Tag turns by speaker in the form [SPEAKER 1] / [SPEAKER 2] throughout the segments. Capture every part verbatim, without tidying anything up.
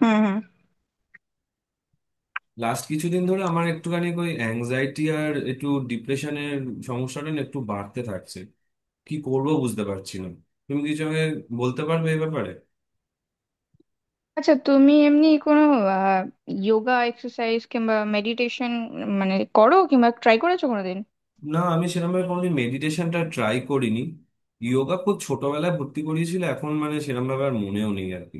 [SPEAKER 1] হুম হুম
[SPEAKER 2] লাস্ট কিছুদিন ধরে আমার একটুখানি ওই অ্যাংজাইটি আর একটু ডিপ্রেশনের সমস্যাটা না একটু বাড়তে থাকছে। কি করব বুঝতে পারছি না। তুমি কিছু আমাকে বলতে পারবে এই ব্যাপারে?
[SPEAKER 1] আচ্ছা, তুমি এমনি কোনো যোগা এক্সারসাইজ কিংবা মেডিটেশন মানে করো কিংবা ট্রাই করেছো কোনোদিন?
[SPEAKER 2] না, আমি সেরকমভাবে কোনোদিন মেডিটেশনটা ট্রাই করিনি। যোগা খুব ছোটবেলায় ভর্তি করিয়েছিল, এখন মানে সেরকমভাবে আর মনেও নেই আর কি।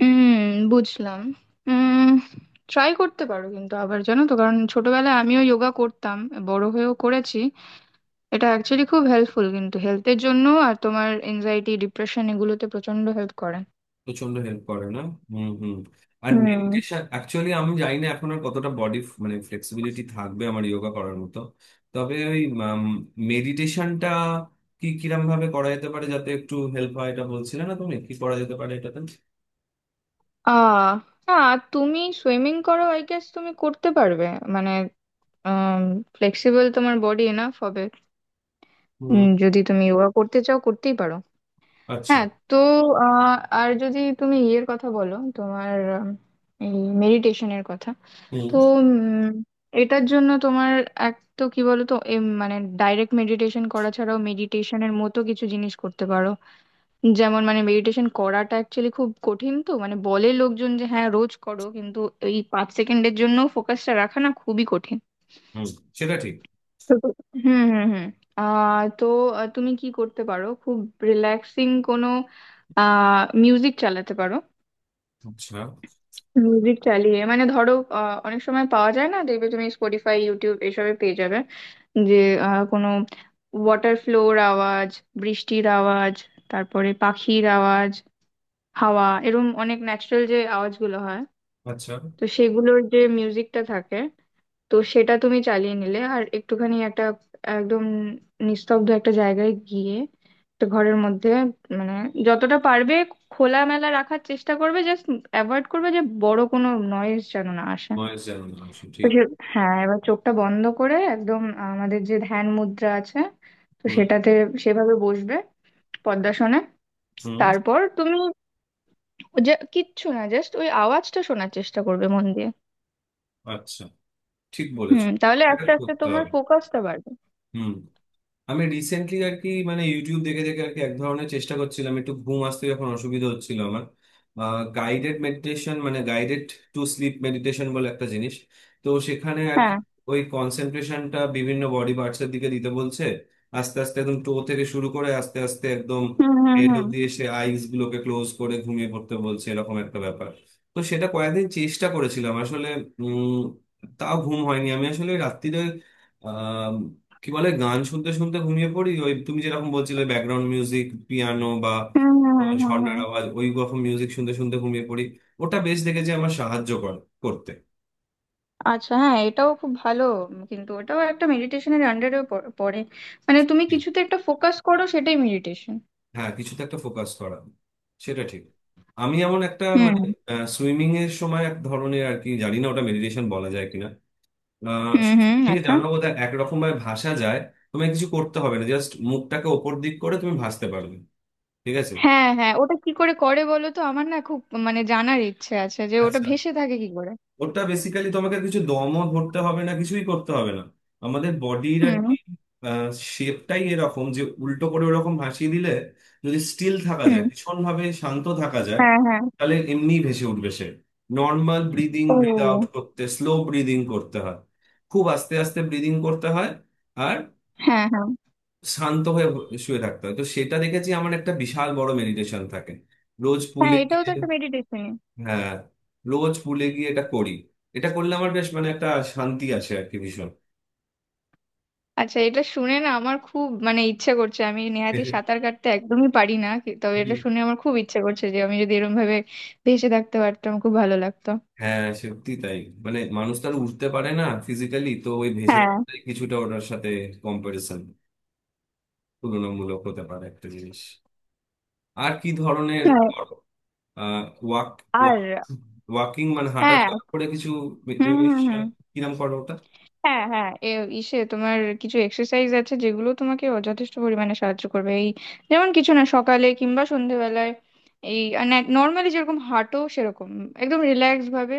[SPEAKER 1] হুম, বুঝলাম। হুম, ট্রাই করতে পারো, কিন্তু আবার জানো তো, কারণ ছোটবেলায় আমিও যোগা করতাম, বড় হয়েও করেছি। এটা অ্যাকচুয়ালি খুব হেল্পফুল কিন্তু হেলথের জন্য, আর তোমার এনজাইটি ডিপ্রেশন এগুলোতে প্রচন্ড হেল্প করে।
[SPEAKER 2] প্রচন্ড হেল্প করে না? হুম হুম। আর
[SPEAKER 1] হুম।
[SPEAKER 2] মেডিটেশন অ্যাকচুয়ালি আমি জানি না এখন আর কতটা বডি মানে ফ্লেক্সিবিলিটি থাকবে আমার যোগা করার মতো। তবে ওই মেডিটেশনটা কি কিরম ভাবে করা যেতে পারে যাতে একটু হেল্প হয়, এটা বলছিলে না, তুমি কি করা যেতে পারে এটাতে?
[SPEAKER 1] আহ আর তুমি সুইমিং করো, আই গেস তুমি করতে পারবে, মানে ফ্লেক্সিবল তোমার বডি এনাফ হবে।
[SPEAKER 2] হুম।
[SPEAKER 1] উম, যদি তুমি যোগা করতে চাও করতেই পারো।
[SPEAKER 2] আচ্ছা।
[SPEAKER 1] হ্যাঁ, তো আহ, আর যদি তুমি ইয়ের কথা বলো, তোমার উম, এই মেডিটেশনের কথা,
[SPEAKER 2] হুম
[SPEAKER 1] তো উম, এটার জন্য তোমার এক তো কি বলতো, এম, মানে ডাইরেক্ট মেডিটেশন করা ছাড়াও মেডিটেশনের মতো কিছু জিনিস করতে পারো। যেমন মানে মেডিটেশন করাটা অ্যাকচুয়ালি খুব কঠিন, তো মানে বলে লোকজন যে হ্যাঁ রোজ করো, কিন্তু এই পাঁচ সেকেন্ডের জন্য ফোকাসটা রাখা না, খুবই কঠিন।
[SPEAKER 2] হুম, সেটা ঠিক।
[SPEAKER 1] তো তো- হুম হুম হুম। আহ তো আহ, তুমি কি করতে পারো, খুব রিল্যাক্সিং কোনো আহ মিউজিক চালাতে পারো।
[SPEAKER 2] আচ্ছা।
[SPEAKER 1] মিউজিক চালিয়ে মানে ধরো, আহ, অনেক সময় পাওয়া যায় না, দেখবে তুমি স্পটিফাই ইউটিউব এসবে পেয়ে যাবে, যে আহ, কোনো ওয়াটার ফ্লোর আওয়াজ, বৃষ্টির আওয়াজ, তারপরে পাখির আওয়াজ, হাওয়া, এরম অনেক ন্যাচারাল যে আওয়াজগুলো হয়,
[SPEAKER 2] আচ্ছা,
[SPEAKER 1] তো সেগুলোর যে মিউজিকটা থাকে, তো সেটা তুমি চালিয়ে নিলে, আর একটুখানি একটা একদম নিস্তব্ধ একটা জায়গায় গিয়ে, একটা ঘরের মধ্যে, মানে যতটা পারবে খোলামেলা রাখার চেষ্টা করবে, জাস্ট অ্যাভয়েড করবে যে বড় কোনো নয়েজ যেন না আসে।
[SPEAKER 2] বয়স জানি না অবশ্য,
[SPEAKER 1] তো
[SPEAKER 2] ঠিক।
[SPEAKER 1] সে- হ্যাঁ, এবার চোখটা বন্ধ করে একদম আমাদের যে ধ্যান মুদ্রা আছে, তো
[SPEAKER 2] হুম
[SPEAKER 1] সেটাতে সেভাবে বসবে, পদ্মাসনে।
[SPEAKER 2] হুম।
[SPEAKER 1] তারপর তুমি, যে কিচ্ছু না, জাস্ট ওই আওয়াজটা শোনার চেষ্টা করবে মন দিয়ে।
[SPEAKER 2] আচ্ছা, ঠিক
[SPEAKER 1] হুম,
[SPEAKER 2] বলেছো,
[SPEAKER 1] তাহলে
[SPEAKER 2] এটা
[SPEAKER 1] আস্তে আস্তে
[SPEAKER 2] করতে
[SPEAKER 1] তোমার
[SPEAKER 2] হবে।
[SPEAKER 1] ফোকাসটা বাড়বে।
[SPEAKER 2] হুম। আমি রিসেন্টলি আর কি মানে ইউটিউব দেখে দেখে আর কি এক ধরনের চেষ্টা করছিলাম একটু ঘুম আসতে, যখন অসুবিধা হচ্ছিল আমার। গাইডেড মেডিটেশন মানে গাইডেড টু স্লিপ মেডিটেশন বলে একটা জিনিস, তো সেখানে আর কি
[SPEAKER 1] হ্যাঁ।
[SPEAKER 2] ওই কনসেন্ট্রেশনটা বিভিন্ন বডি পার্টস এর দিকে দিতে বলছে। আস্তে আস্তে একদম টো থেকে শুরু করে আস্তে আস্তে একদম
[SPEAKER 1] হুম হুম
[SPEAKER 2] হেড
[SPEAKER 1] হুম
[SPEAKER 2] অব্দি এসে আইস গুলোকে ক্লোজ করে ঘুমিয়ে পড়তে বলছে, এরকম একটা ব্যাপার। তো সেটা কয়েকদিন চেষ্টা করেছিলাম আসলে। উম তাও ঘুম হয়নি। আমি আসলে রাত্রিরে কি বলে গান শুনতে শুনতে ঘুমিয়ে পড়ি, ওই তুমি যেরকম বলছিলে ব্যাকগ্রাউন্ড মিউজিক পিয়ানো বা
[SPEAKER 1] হুম হুম হুম
[SPEAKER 2] কোনো
[SPEAKER 1] হুম
[SPEAKER 2] ঝর্ণার
[SPEAKER 1] হুম।
[SPEAKER 2] আওয়াজ, ওই রকম মিউজিক শুনতে শুনতে ঘুমিয়ে পড়ি। ওটা বেশ দেখেছি আমার সাহায্য করে করতে।
[SPEAKER 1] আচ্ছা, হ্যাঁ, এটাও খুব ভালো। উম, কিন্তু ওটাও একটা মেডিটেশনের আন্ডারে পড়ে, মানে তুমি কিছুতে একটা ফোকাস করো, সেটাই মেডিটেশন।
[SPEAKER 2] হ্যাঁ, কিছুতে একটা ফোকাস করা, সেটা ঠিক। আমি এমন একটা মানে
[SPEAKER 1] হুম
[SPEAKER 2] সুইমিং এর সময় এক ধরনের আর কি জানি না ওটা মেডিটেশন বলা যায় কিনা।
[SPEAKER 1] হুম হুম।
[SPEAKER 2] সুইমিং এ
[SPEAKER 1] আচ্ছা।
[SPEAKER 2] জানো বোধহয় একরকম ভাবে ভাসা যায়, তোমায় কিছু করতে হবে না, জাস্ট মুখটাকে ওপর দিক করে তুমি ভাসতে পারবে। ঠিক আছে।
[SPEAKER 1] হ্যাঁ হ্যাঁ, ওটা কি করে করে বলো তো, আমার না খুব মানে জানার ইচ্ছে আছে যে ওটা
[SPEAKER 2] আচ্ছা।
[SPEAKER 1] ভেসে থাকে কি করে।
[SPEAKER 2] ওটা বেসিক্যালি তোমাকে কিছু দমও ধরতে হবে না, কিছুই করতে হবে না। আমাদের বডির আর
[SPEAKER 1] হুম
[SPEAKER 2] শেপটাই এরকম যে উল্টো করে ওরকম ভাসিয়ে দিলে, যদি স্টিল থাকা যায়,
[SPEAKER 1] হুম।
[SPEAKER 2] ভীষণ ভাবে শান্ত থাকা যায়,
[SPEAKER 1] হ্যাঁ হ্যাঁ।
[SPEAKER 2] তাহলে এমনি ভেসে উঠবে সে। নর্মাল ব্রিদিং ব্রিদ আউট
[SPEAKER 1] ও।
[SPEAKER 2] করতে স্লো ব্রিদিং করতে হয়, খুব আস্তে আস্তে ব্রিদিং করতে হয়। আর
[SPEAKER 1] হ্যাঁ হ্যাঁ।
[SPEAKER 2] শান্ত হয়ে শুয়ে থাকতে হয়, তো সেটা দেখেছি আমার একটা বিশাল বড় মেডিটেশন থাকে রোজ
[SPEAKER 1] হ্যাঁ,
[SPEAKER 2] পুলে
[SPEAKER 1] এটাও
[SPEAKER 2] গিয়ে।
[SPEAKER 1] তো একটা মেডিটেশন।
[SPEAKER 2] হ্যাঁ, রোজ পুলে গিয়ে এটা করি। এটা করলে আমার বেশ মানে একটা শান্তি আছে আর কি, ভীষণ।
[SPEAKER 1] আচ্ছা, এটা শুনে না আমার খুব মানে ইচ্ছে করছে, আমি নেহাতি সাঁতার কাটতে একদমই পারি না কি- তবে এটা
[SPEAKER 2] হুম।
[SPEAKER 1] শুনে আমার খুব ইচ্ছে করছে যে আমি যদি এরকম ভাবে ভেসে থাকতে পারতাম, খুব ভালো লাগতো।
[SPEAKER 2] হ্যাঁ সত্যি তাই। মানে মানুষ তো আর উঠতে পারে না ফিজিক্যালি, তো ওই ভেসে
[SPEAKER 1] হ্যাঁ।
[SPEAKER 2] থাকাটাই কিছুটা ওটার সাথে কম্পারিজন তুলনামূলক হতে পারে একটা জিনিস। আর কি ধরনের
[SPEAKER 1] হ্যাঁ,
[SPEAKER 2] ওয়াক
[SPEAKER 1] আর
[SPEAKER 2] ওয়াকিং মানে হাঁটা
[SPEAKER 1] হ্যাঁ।
[SPEAKER 2] চলা করে কিছু,
[SPEAKER 1] হুম হুম হুম।
[SPEAKER 2] কিরম করো ওটা?
[SPEAKER 1] হ্যাঁ হ্যাঁ এ ইসে, তোমার কিছু এক্সারসাইজ আছে যেগুলো তোমাকে অ- যথেষ্ট পরিমাণে সাহায্য করবে। এই যেমন কিছু না, সকালে কিংবা সন্ধেবেলায় এই নর্মালি যেরকম হাঁটো সেরকম একদম রিল্যাক্স ভাবে,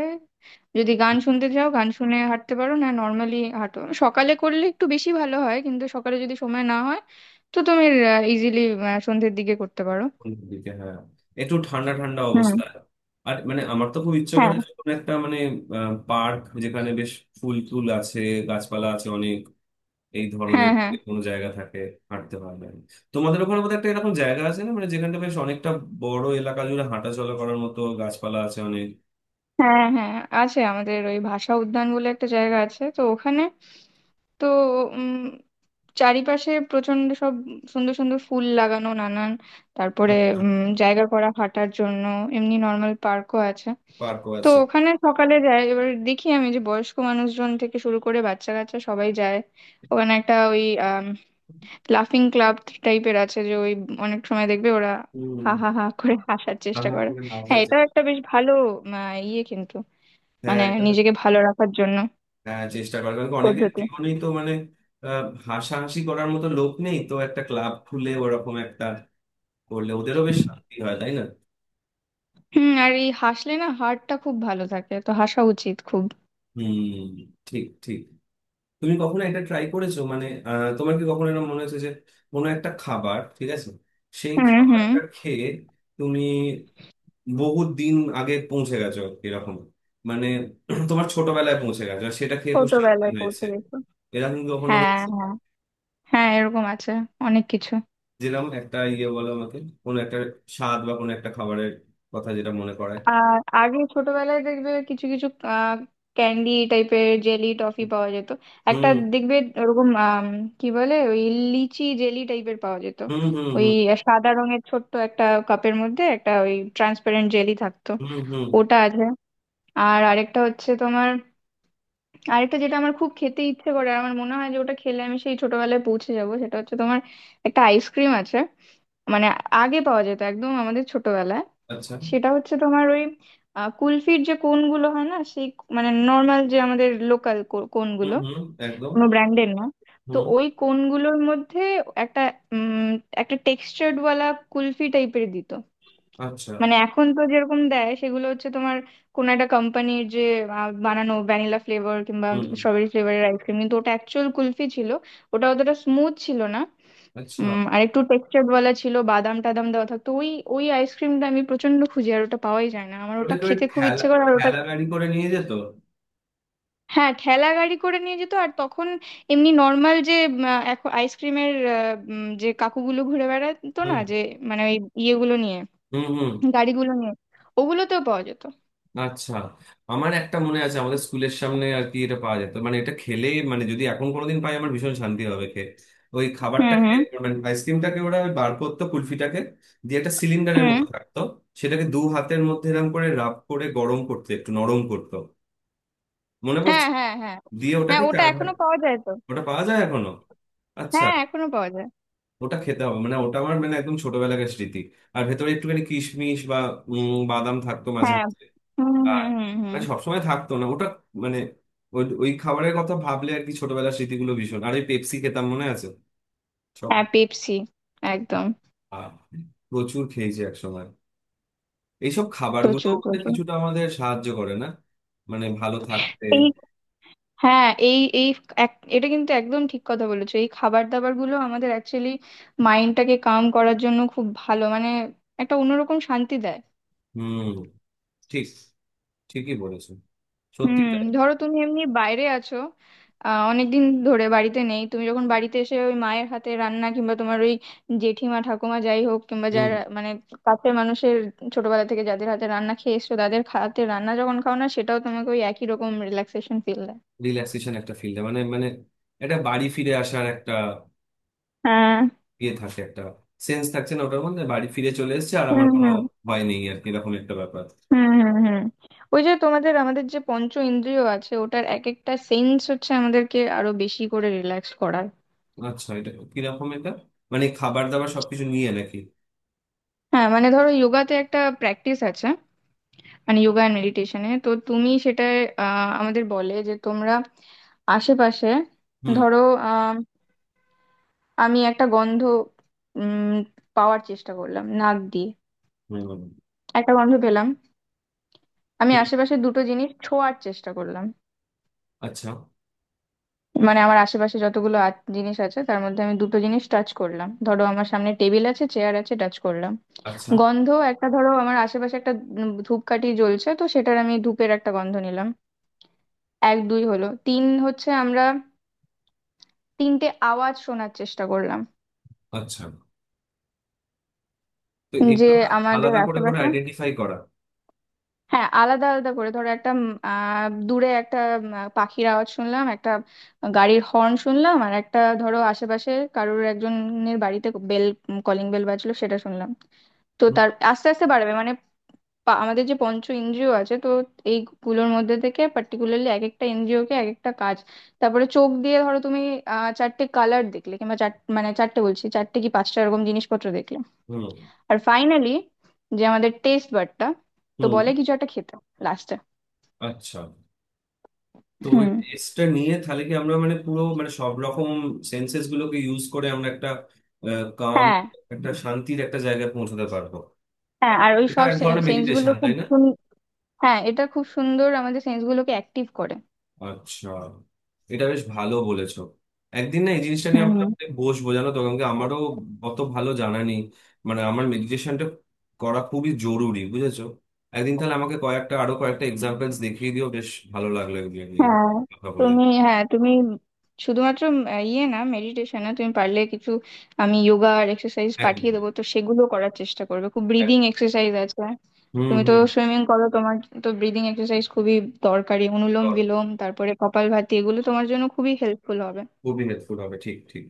[SPEAKER 1] যদি গান শুনতে চাও গান শুনে হাঁটতে পারো না, নর্মালি হাঁটো। সকালে করলে একটু বেশি ভালো হয়, কিন্তু সকালে যদি সময় না হয় তো তুমি ইজিলি সন্ধ্যের দিকে করতে পারো।
[SPEAKER 2] সন্ধ্যের দিকে, হ্যাঁ, একটু ঠান্ডা ঠান্ডা
[SPEAKER 1] হুম।
[SPEAKER 2] অবস্থা। আর মানে আমার তো খুব ইচ্ছে করে
[SPEAKER 1] হ্যাঁ
[SPEAKER 2] যে কোনো একটা মানে পার্ক যেখানে বেশ ফুল টুল আছে, গাছপালা আছে অনেক, এই ধরনের
[SPEAKER 1] হ্যাঁ হ্যাঁ
[SPEAKER 2] যদি কোনো জায়গা থাকে হাঁটতে পারবে। তোমাদের ওখানে বোধহয় একটা এরকম জায়গা আছে না, মানে যেখানটা বেশ অনেকটা বড় এলাকা জুড়ে হাঁটাচলা করার মতো, গাছপালা আছে অনেক,
[SPEAKER 1] হ্যাঁ হ্যাঁ, আছে আমাদের ওই ভাষা উদ্যান বলে একটা জায়গা আছে, তো ওখানে, তো উম, চারিপাশে প্রচন্ড সব সুন্দর সুন্দর ফুল লাগানো, নানান, তারপরে উম, জায়গা করা হাঁটার জন্য, এমনি নর্মাল পার্কও আছে।
[SPEAKER 2] পার্কও
[SPEAKER 1] তো
[SPEAKER 2] আছে।
[SPEAKER 1] ওখানে সকালে যাই, এবার দেখি আমি, যে বয়স্ক মানুষজন থেকে শুরু করে বাচ্চা কাচ্চা সবাই যায়। ওখানে একটা ওই লাফিং ক্লাব টাইপের আছে, যে ওই অনেক সময় দেখবে ওরা
[SPEAKER 2] হম।
[SPEAKER 1] হা হা হা করে হাসার চেষ্টা
[SPEAKER 2] হাঁ
[SPEAKER 1] করে।
[SPEAKER 2] করে হাসা
[SPEAKER 1] হ্যাঁ,
[SPEAKER 2] যায়।
[SPEAKER 1] এটাও একটা বেশ ভালো আহ, ইয়ে, কিন্তু
[SPEAKER 2] হ্যাঁ
[SPEAKER 1] মানে
[SPEAKER 2] এটা তো-
[SPEAKER 1] নিজেকে ভালো রাখার জন্য
[SPEAKER 2] হ্যাঁ, চেষ্টা করার কারণ কি অনেকের
[SPEAKER 1] পদ্ধতি।
[SPEAKER 2] জীবনেই তো মানে আহ, হাসাহাসি করার মতো লোক নেই, তো একটা ক্লাব খুলে ওরকম একটা করলে ওদেরও বেশ শান্তি হয়, তাই না।
[SPEAKER 1] হুম, আর এই হাসলে না হাড়টা খুব ভালো থাকে, তো হাসা উচিত খুব।
[SPEAKER 2] হুম, ঠিক ঠিক। তুমি কখনো এটা ট্রাই করেছো মানে আহ, তোমার কি কখনো এরকম মনে হয়েছে যে কোনো একটা খাবার ঠিক আছে, সেই
[SPEAKER 1] হুম হুম।
[SPEAKER 2] খাবারটা খেয়ে তুমি বহু দিন আগে পৌঁছে গেছো, এরকম মানে তোমার ছোটবেলায় পৌঁছে গেছো আর সেটা খেয়ে খুব শান্তি
[SPEAKER 1] ছোটবেলায় পৌঁছে
[SPEAKER 2] হয়েছে,
[SPEAKER 1] গেছি?
[SPEAKER 2] এরকম কি কখনো
[SPEAKER 1] হ্যাঁ
[SPEAKER 2] হয়েছে?
[SPEAKER 1] হ্যাঁ, হ্যাঁ এরকম আছে অনেক কিছু।
[SPEAKER 2] যেরকম একটা ইয়ে বলো আমাকে, কোনো একটা স্বাদ বা কোনো একটা খাবারের কথা যেটা মনে করায়।
[SPEAKER 1] আর আগে ছোটবেলায় দেখবে কিছু কিছু ক্যান্ডি টাইপের জেলি টফি পাওয়া যেত, একটা,
[SPEAKER 2] হুম
[SPEAKER 1] দেখবে ওরকম আম, কি বলে ওই লিচি জেলি টাইপের পাওয়া যেত,
[SPEAKER 2] হুম হুম
[SPEAKER 1] ওই
[SPEAKER 2] হুম
[SPEAKER 1] সাদা রঙের ছোট্ট একটা কাপের মধ্যে একটা ওই ট্রান্সপারেন্ট জেলি থাকতো,
[SPEAKER 2] হুম হুম।
[SPEAKER 1] ওটা আছে। আর আরেকটা হচ্ছে তোমার, আরেকটা যেটা আমার খুব খেতে ইচ্ছে করে, আর আমার মনে হয় যে ওটা খেলে আমি সেই ছোটবেলায় পৌঁছে যাব, সেটা হচ্ছে তোমার একটা আইসক্রিম আছে, মানে আগে পাওয়া যেত একদম আমাদের ছোটবেলায়।
[SPEAKER 2] আচ্ছা।
[SPEAKER 1] সেটা হচ্ছে তোমার ওই আহ, কুলফির যে কোনগুলো হয় না সেই, মানে নর্মাল যে আমাদের লোকাল
[SPEAKER 2] হুম
[SPEAKER 1] কোনগুলো,
[SPEAKER 2] হুম। একদম।
[SPEAKER 1] কোনো ব্র্যান্ডের না। তো
[SPEAKER 2] হুম।
[SPEAKER 1] ওই কোনগুলোর মধ্যে একটা উম, একটা টেক্সচার্ড ওয়ালা কুলফি টাইপের দিত।
[SPEAKER 2] আচ্ছা।
[SPEAKER 1] মানে এখন তো যেরকম দেয় সেগুলো হচ্ছে তোমার কোন একটা কোম্পানির যে আহ, বানানো ভ্যানিলা ফ্লেভার কিংবা
[SPEAKER 2] হুম।
[SPEAKER 1] স্ট্রবেরি ফ্লেভারের আইসক্রিম, কিন্তু ওটা অ্যাকচুয়াল কুলফি ছিল, ওটা অতটা স্মুথ ছিল না।
[SPEAKER 2] আচ্ছা,
[SPEAKER 1] উম, আর একটু টেক্সচার বলা ছিল, বাদাম টাদাম দেওয়া থাকতো ওই, ওই আইসক্রিমটা আমি প্রচন্ড খুঁজি আর ওটা পাওয়াই যায় না, আমার ওটা
[SPEAKER 2] ওটাকে ওই
[SPEAKER 1] খেতে খুব
[SPEAKER 2] ঠেলা
[SPEAKER 1] ইচ্ছে করে আর ওটা,
[SPEAKER 2] ঠেলা গাড়ি করে নিয়ে যেত।
[SPEAKER 1] হ্যাঁ ঠেলা গাড়ি করে নিয়ে যেত আর তখন এমনি নর্মাল যে এখন আইসক্রিমের যে কাকুগুলো ঘুরে বেড়াতো না,
[SPEAKER 2] হুম
[SPEAKER 1] যে মানে ওই ইয়েগুলো নিয়ে
[SPEAKER 2] হুম হুম।
[SPEAKER 1] গাড়িগুলো নিয়ে, ওগুলোতেও পাওয়া যেত।
[SPEAKER 2] আচ্ছা, আমার একটা মনে আছে আমাদের স্কুলের সামনে আর কি এটা পাওয়া যেত, মানে এটা খেলে মানে যদি এখন কোনোদিন পাই আমার ভীষণ শান্তি হবে খেয়ে ওই
[SPEAKER 1] হুম
[SPEAKER 2] খাবারটাকে,
[SPEAKER 1] হুম
[SPEAKER 2] মানে আইসক্রিমটাকে। ওরা ওই বার করতো কুলফিটাকে দিয়ে, একটা সিলিন্ডারের
[SPEAKER 1] হুম।
[SPEAKER 2] মতো থাকতো, সেটাকে দু হাতের মধ্যে এরম করে রাব করে গরম করতে একটু নরম করতো, মনে
[SPEAKER 1] হ্যাঁ
[SPEAKER 2] পড়ছে।
[SPEAKER 1] হ্যাঁ হ্যাঁ
[SPEAKER 2] দিয়ে
[SPEAKER 1] হ্যাঁ,
[SPEAKER 2] ওটাকে
[SPEAKER 1] ওটা
[SPEAKER 2] চার ভাগ।
[SPEAKER 1] এখনো পাওয়া যায় তো।
[SPEAKER 2] ওটা পাওয়া যায় এখনো? আচ্ছা।
[SPEAKER 1] হ্যাঁ এখনো পাওয়া যায়।
[SPEAKER 2] ওটা খেতে হবে, মানে ওটা আমার মানে একদম ছোটবেলাকার স্মৃতি। আর ভেতরে একটুখানি কিশমিশ বা উম, বাদাম থাকতো মাঝে
[SPEAKER 1] হ্যাঁ।
[SPEAKER 2] মাঝে।
[SPEAKER 1] হুম
[SPEAKER 2] আর
[SPEAKER 1] হুম হুম হুম।
[SPEAKER 2] মানে সবসময় থাকতো না ওটা। মানে ওই ওই খাবারের কথা ভাবলে আর কি ছোটবেলার স্মৃতিগুলো ভীষণ। আর ওই পেপসি খেতাম মনে আছে সব।
[SPEAKER 1] হ্যাঁ পেপসি, একদম।
[SPEAKER 2] আহ, প্রচুর খেয়েছি একসময়। এইসব খাবারগুলো
[SPEAKER 1] প্রচুর
[SPEAKER 2] আমাদের
[SPEAKER 1] প্রচুর।
[SPEAKER 2] কিছুটা আমাদের সাহায্য করে না, মানে ভালো থাকতে?
[SPEAKER 1] এই হ্যাঁ এই এই এক- এটা কিন্তু একদম ঠিক কথা বলেছো, এই খাবার দাবার গুলো আমাদের অ্যাকচুয়ালি মাইন্ডটাকে কাম করার জন্য খুব ভালো, মানে একটা অন্যরকম শান্তি দেয়।
[SPEAKER 2] হুম। ঠিক। ঠিকই বলেছো,
[SPEAKER 1] হুম,
[SPEAKER 2] সত্যি তাই।
[SPEAKER 1] ধরো তুমি এমনি বাইরে আছো, আহ অনেকদিন ধরে বাড়িতে নেই, তুমি যখন বাড়িতে এসে ওই মায়ের হাতে রান্না কিংবা তোমার ওই জেঠিমা ঠাকুমা যাই হোক কিংবা
[SPEAKER 2] হুম।
[SPEAKER 1] যারা মানে কাছের মানুষের, ছোটবেলা থেকে যাদের হাতে রান্না খেয়ে এসছো, তাদের হাতে রান্না যখন খাও না, সেটাও তোমাকে ওই একই রকম রিল্যাক্সেশন ফিল দেয়।
[SPEAKER 2] রিল্যাক্সেশন একটা ফিল, মানে মানে এটা বাড়ি ফিরে আসার একটা
[SPEAKER 1] হ্যাঁ।
[SPEAKER 2] ইয়ে থাকে, একটা সেন্স থাকছে না ওটার মধ্যে, বাড়ি ফিরে চলে এসেছে আর আমার
[SPEAKER 1] হুম
[SPEAKER 2] কোনো
[SPEAKER 1] হুম
[SPEAKER 2] ভয় নেই আর কি, এরকম একটা ব্যাপার।
[SPEAKER 1] হুম হুম হুম। ওই যে তোমাদের আমাদের যে পঞ্চ ইন্দ্রিয় আছে, ওটার এক একটা সেন্স হচ্ছে আমাদেরকে আরো বেশি করে রিল্যাক্স করায়।
[SPEAKER 2] আচ্ছা, এটা কিরকম? এটা মানে খাবার দাবার সবকিছু নিয়ে নাকি?
[SPEAKER 1] হ্যাঁ মানে ধরো যোগাতে একটা প্র্যাকটিস আছে, মানে যোগা অ্যান্ড মেডিটেশনে তো তুমি সেটা, আহ, আমাদের বলে যে তোমরা আশেপাশে,
[SPEAKER 2] হুম
[SPEAKER 1] ধরো আহ, আমি একটা গন্ধ উম, পাওয়ার চেষ্টা করলাম নাক দিয়ে,
[SPEAKER 2] হুম, হুম।
[SPEAKER 1] একটা গন্ধ পেলাম। আমি আশেপাশে দুটো জিনিস ছোঁয়ার চেষ্টা করলাম,
[SPEAKER 2] আচ্ছা।
[SPEAKER 1] মানে আমার আশেপাশে যতগুলো আ- জিনিস আছে তার মধ্যে আমি দুটো জিনিস টাচ করলাম, ধরো আমার সামনে টেবিল আছে চেয়ার আছে টাচ করলাম।
[SPEAKER 2] আচ্ছা।
[SPEAKER 1] গন্ধ একটা, ধরো আমার আশেপাশে একটা উম ধূপকাঠি জ্বলছে, তো সেটার আমি ধূপের একটা গন্ধ নিলাম। এক দুই হলো, তিন হচ্ছে আমরা তিনটে আওয়াজ শোনার চেষ্টা করলাম,
[SPEAKER 2] আচ্ছা, তো
[SPEAKER 1] যে
[SPEAKER 2] এগুলো
[SPEAKER 1] আমাদের
[SPEAKER 2] আলাদা করে করে
[SPEAKER 1] আশেপাশে।
[SPEAKER 2] আইডেন্টিফাই করা।
[SPEAKER 1] হ্যাঁ, আলাদা আলাদা করে, ধরো একটা উম, আহ দূরে একটা উম, আহ, পাখির আওয়াজ শুনলাম, একটা গাড়ির হর্ন শুনলাম, আর একটা ধরো আশেপাশে কারোর একজনের বাড়িতে বেল, কলিং বেল বাজলো সেটা শুনলাম। তো
[SPEAKER 2] হুম
[SPEAKER 1] তার আস্তে আস্তে বাড়বে মানে, পা- আমাদের যে পঞ্চ ইন্দ্রিয় আছে, তো এইগুলোর মধ্যে থেকে পার্টিকুলারলি এক একটা ইন্দ্রিয়কে এক একটা কাজ। তারপরে চোখ দিয়ে ধরো তুমি আহ চারটে কালার দেখলে কিংবা চার, মানে চারটে বলছি, চারটে কি পাঁচটা এরকম জিনিসপত্র দেখলে।
[SPEAKER 2] হুম
[SPEAKER 1] আর ফাইনালি, যে আমাদের টেস্ট বারটা, তো
[SPEAKER 2] হুম,
[SPEAKER 1] বলে কিছু একটা খেতে লাস্টে।
[SPEAKER 2] আচ্ছা। তো ওই
[SPEAKER 1] হুম।
[SPEAKER 2] টেস্টটা নিয়ে তাহলে কি আমরা মানে পুরো মানে সব রকম সেন্সেস গুলোকে ইউজ করে আমরা একটা কাম,
[SPEAKER 1] হ্যাঁ
[SPEAKER 2] একটা শান্তির একটা জায়গায় পৌঁছাতে পারবো?
[SPEAKER 1] হ্যাঁ, আর ওই
[SPEAKER 2] এটা
[SPEAKER 1] সব
[SPEAKER 2] এক ধরনের
[SPEAKER 1] সেন্স গুলো
[SPEAKER 2] মেডিটেশন
[SPEAKER 1] খুব
[SPEAKER 2] তাই না?
[SPEAKER 1] সুন- হ্যাঁ এটা খুব সুন্দর আমাদের সেন্স গুলোকে অ্যাক্টিভ করে।
[SPEAKER 2] আচ্ছা, এটা বেশ ভালো বলেছো। একদিন না এই জিনিসটা নিয়ে
[SPEAKER 1] হুম
[SPEAKER 2] আমরা
[SPEAKER 1] হুম।
[SPEAKER 2] অনেক বসবো, জানো তো, কারণ কি আমারও অত ভালো জানা নেই। মানে আমার মেডিটেশনটা করা খুবই জরুরি বুঝেছো। একদিন তাহলে আমাকে কয়েকটা আরো কয়েকটা এক্সাম্পলস দেখিয়ে দিও। বেশ ভালো লাগলো এগুলো নিয়ে
[SPEAKER 1] হ্যাঁ
[SPEAKER 2] কথা বলে।
[SPEAKER 1] তুমি, হ্যাঁ তুমি শুধুমাত্র উম, আহ, ইয়ে না, মেডিটেশন না, তুমি পারলে কিছু, আমি যোগা আর এক্সারসাইজ পাঠিয়ে
[SPEAKER 2] একদম।
[SPEAKER 1] দেবো, তো সেগুলো করার চেষ্টা করবে খুব।
[SPEAKER 2] এক-
[SPEAKER 1] ব্রিদিং এক্সারসাইজ আছে,
[SPEAKER 2] হুম
[SPEAKER 1] তুমি তো
[SPEAKER 2] হুম।
[SPEAKER 1] সুইমিং করো তোমার তো ব্রিদিং এক্সারসাইজ খুবই দরকারি, অনুলোম বিলোম তারপরে কপালভাতি, এগুলো তোমার জন্য খুবই হেল্পফুল হবে।
[SPEAKER 2] খুবই হেল্পফুল হবে, ঠিক ঠিক।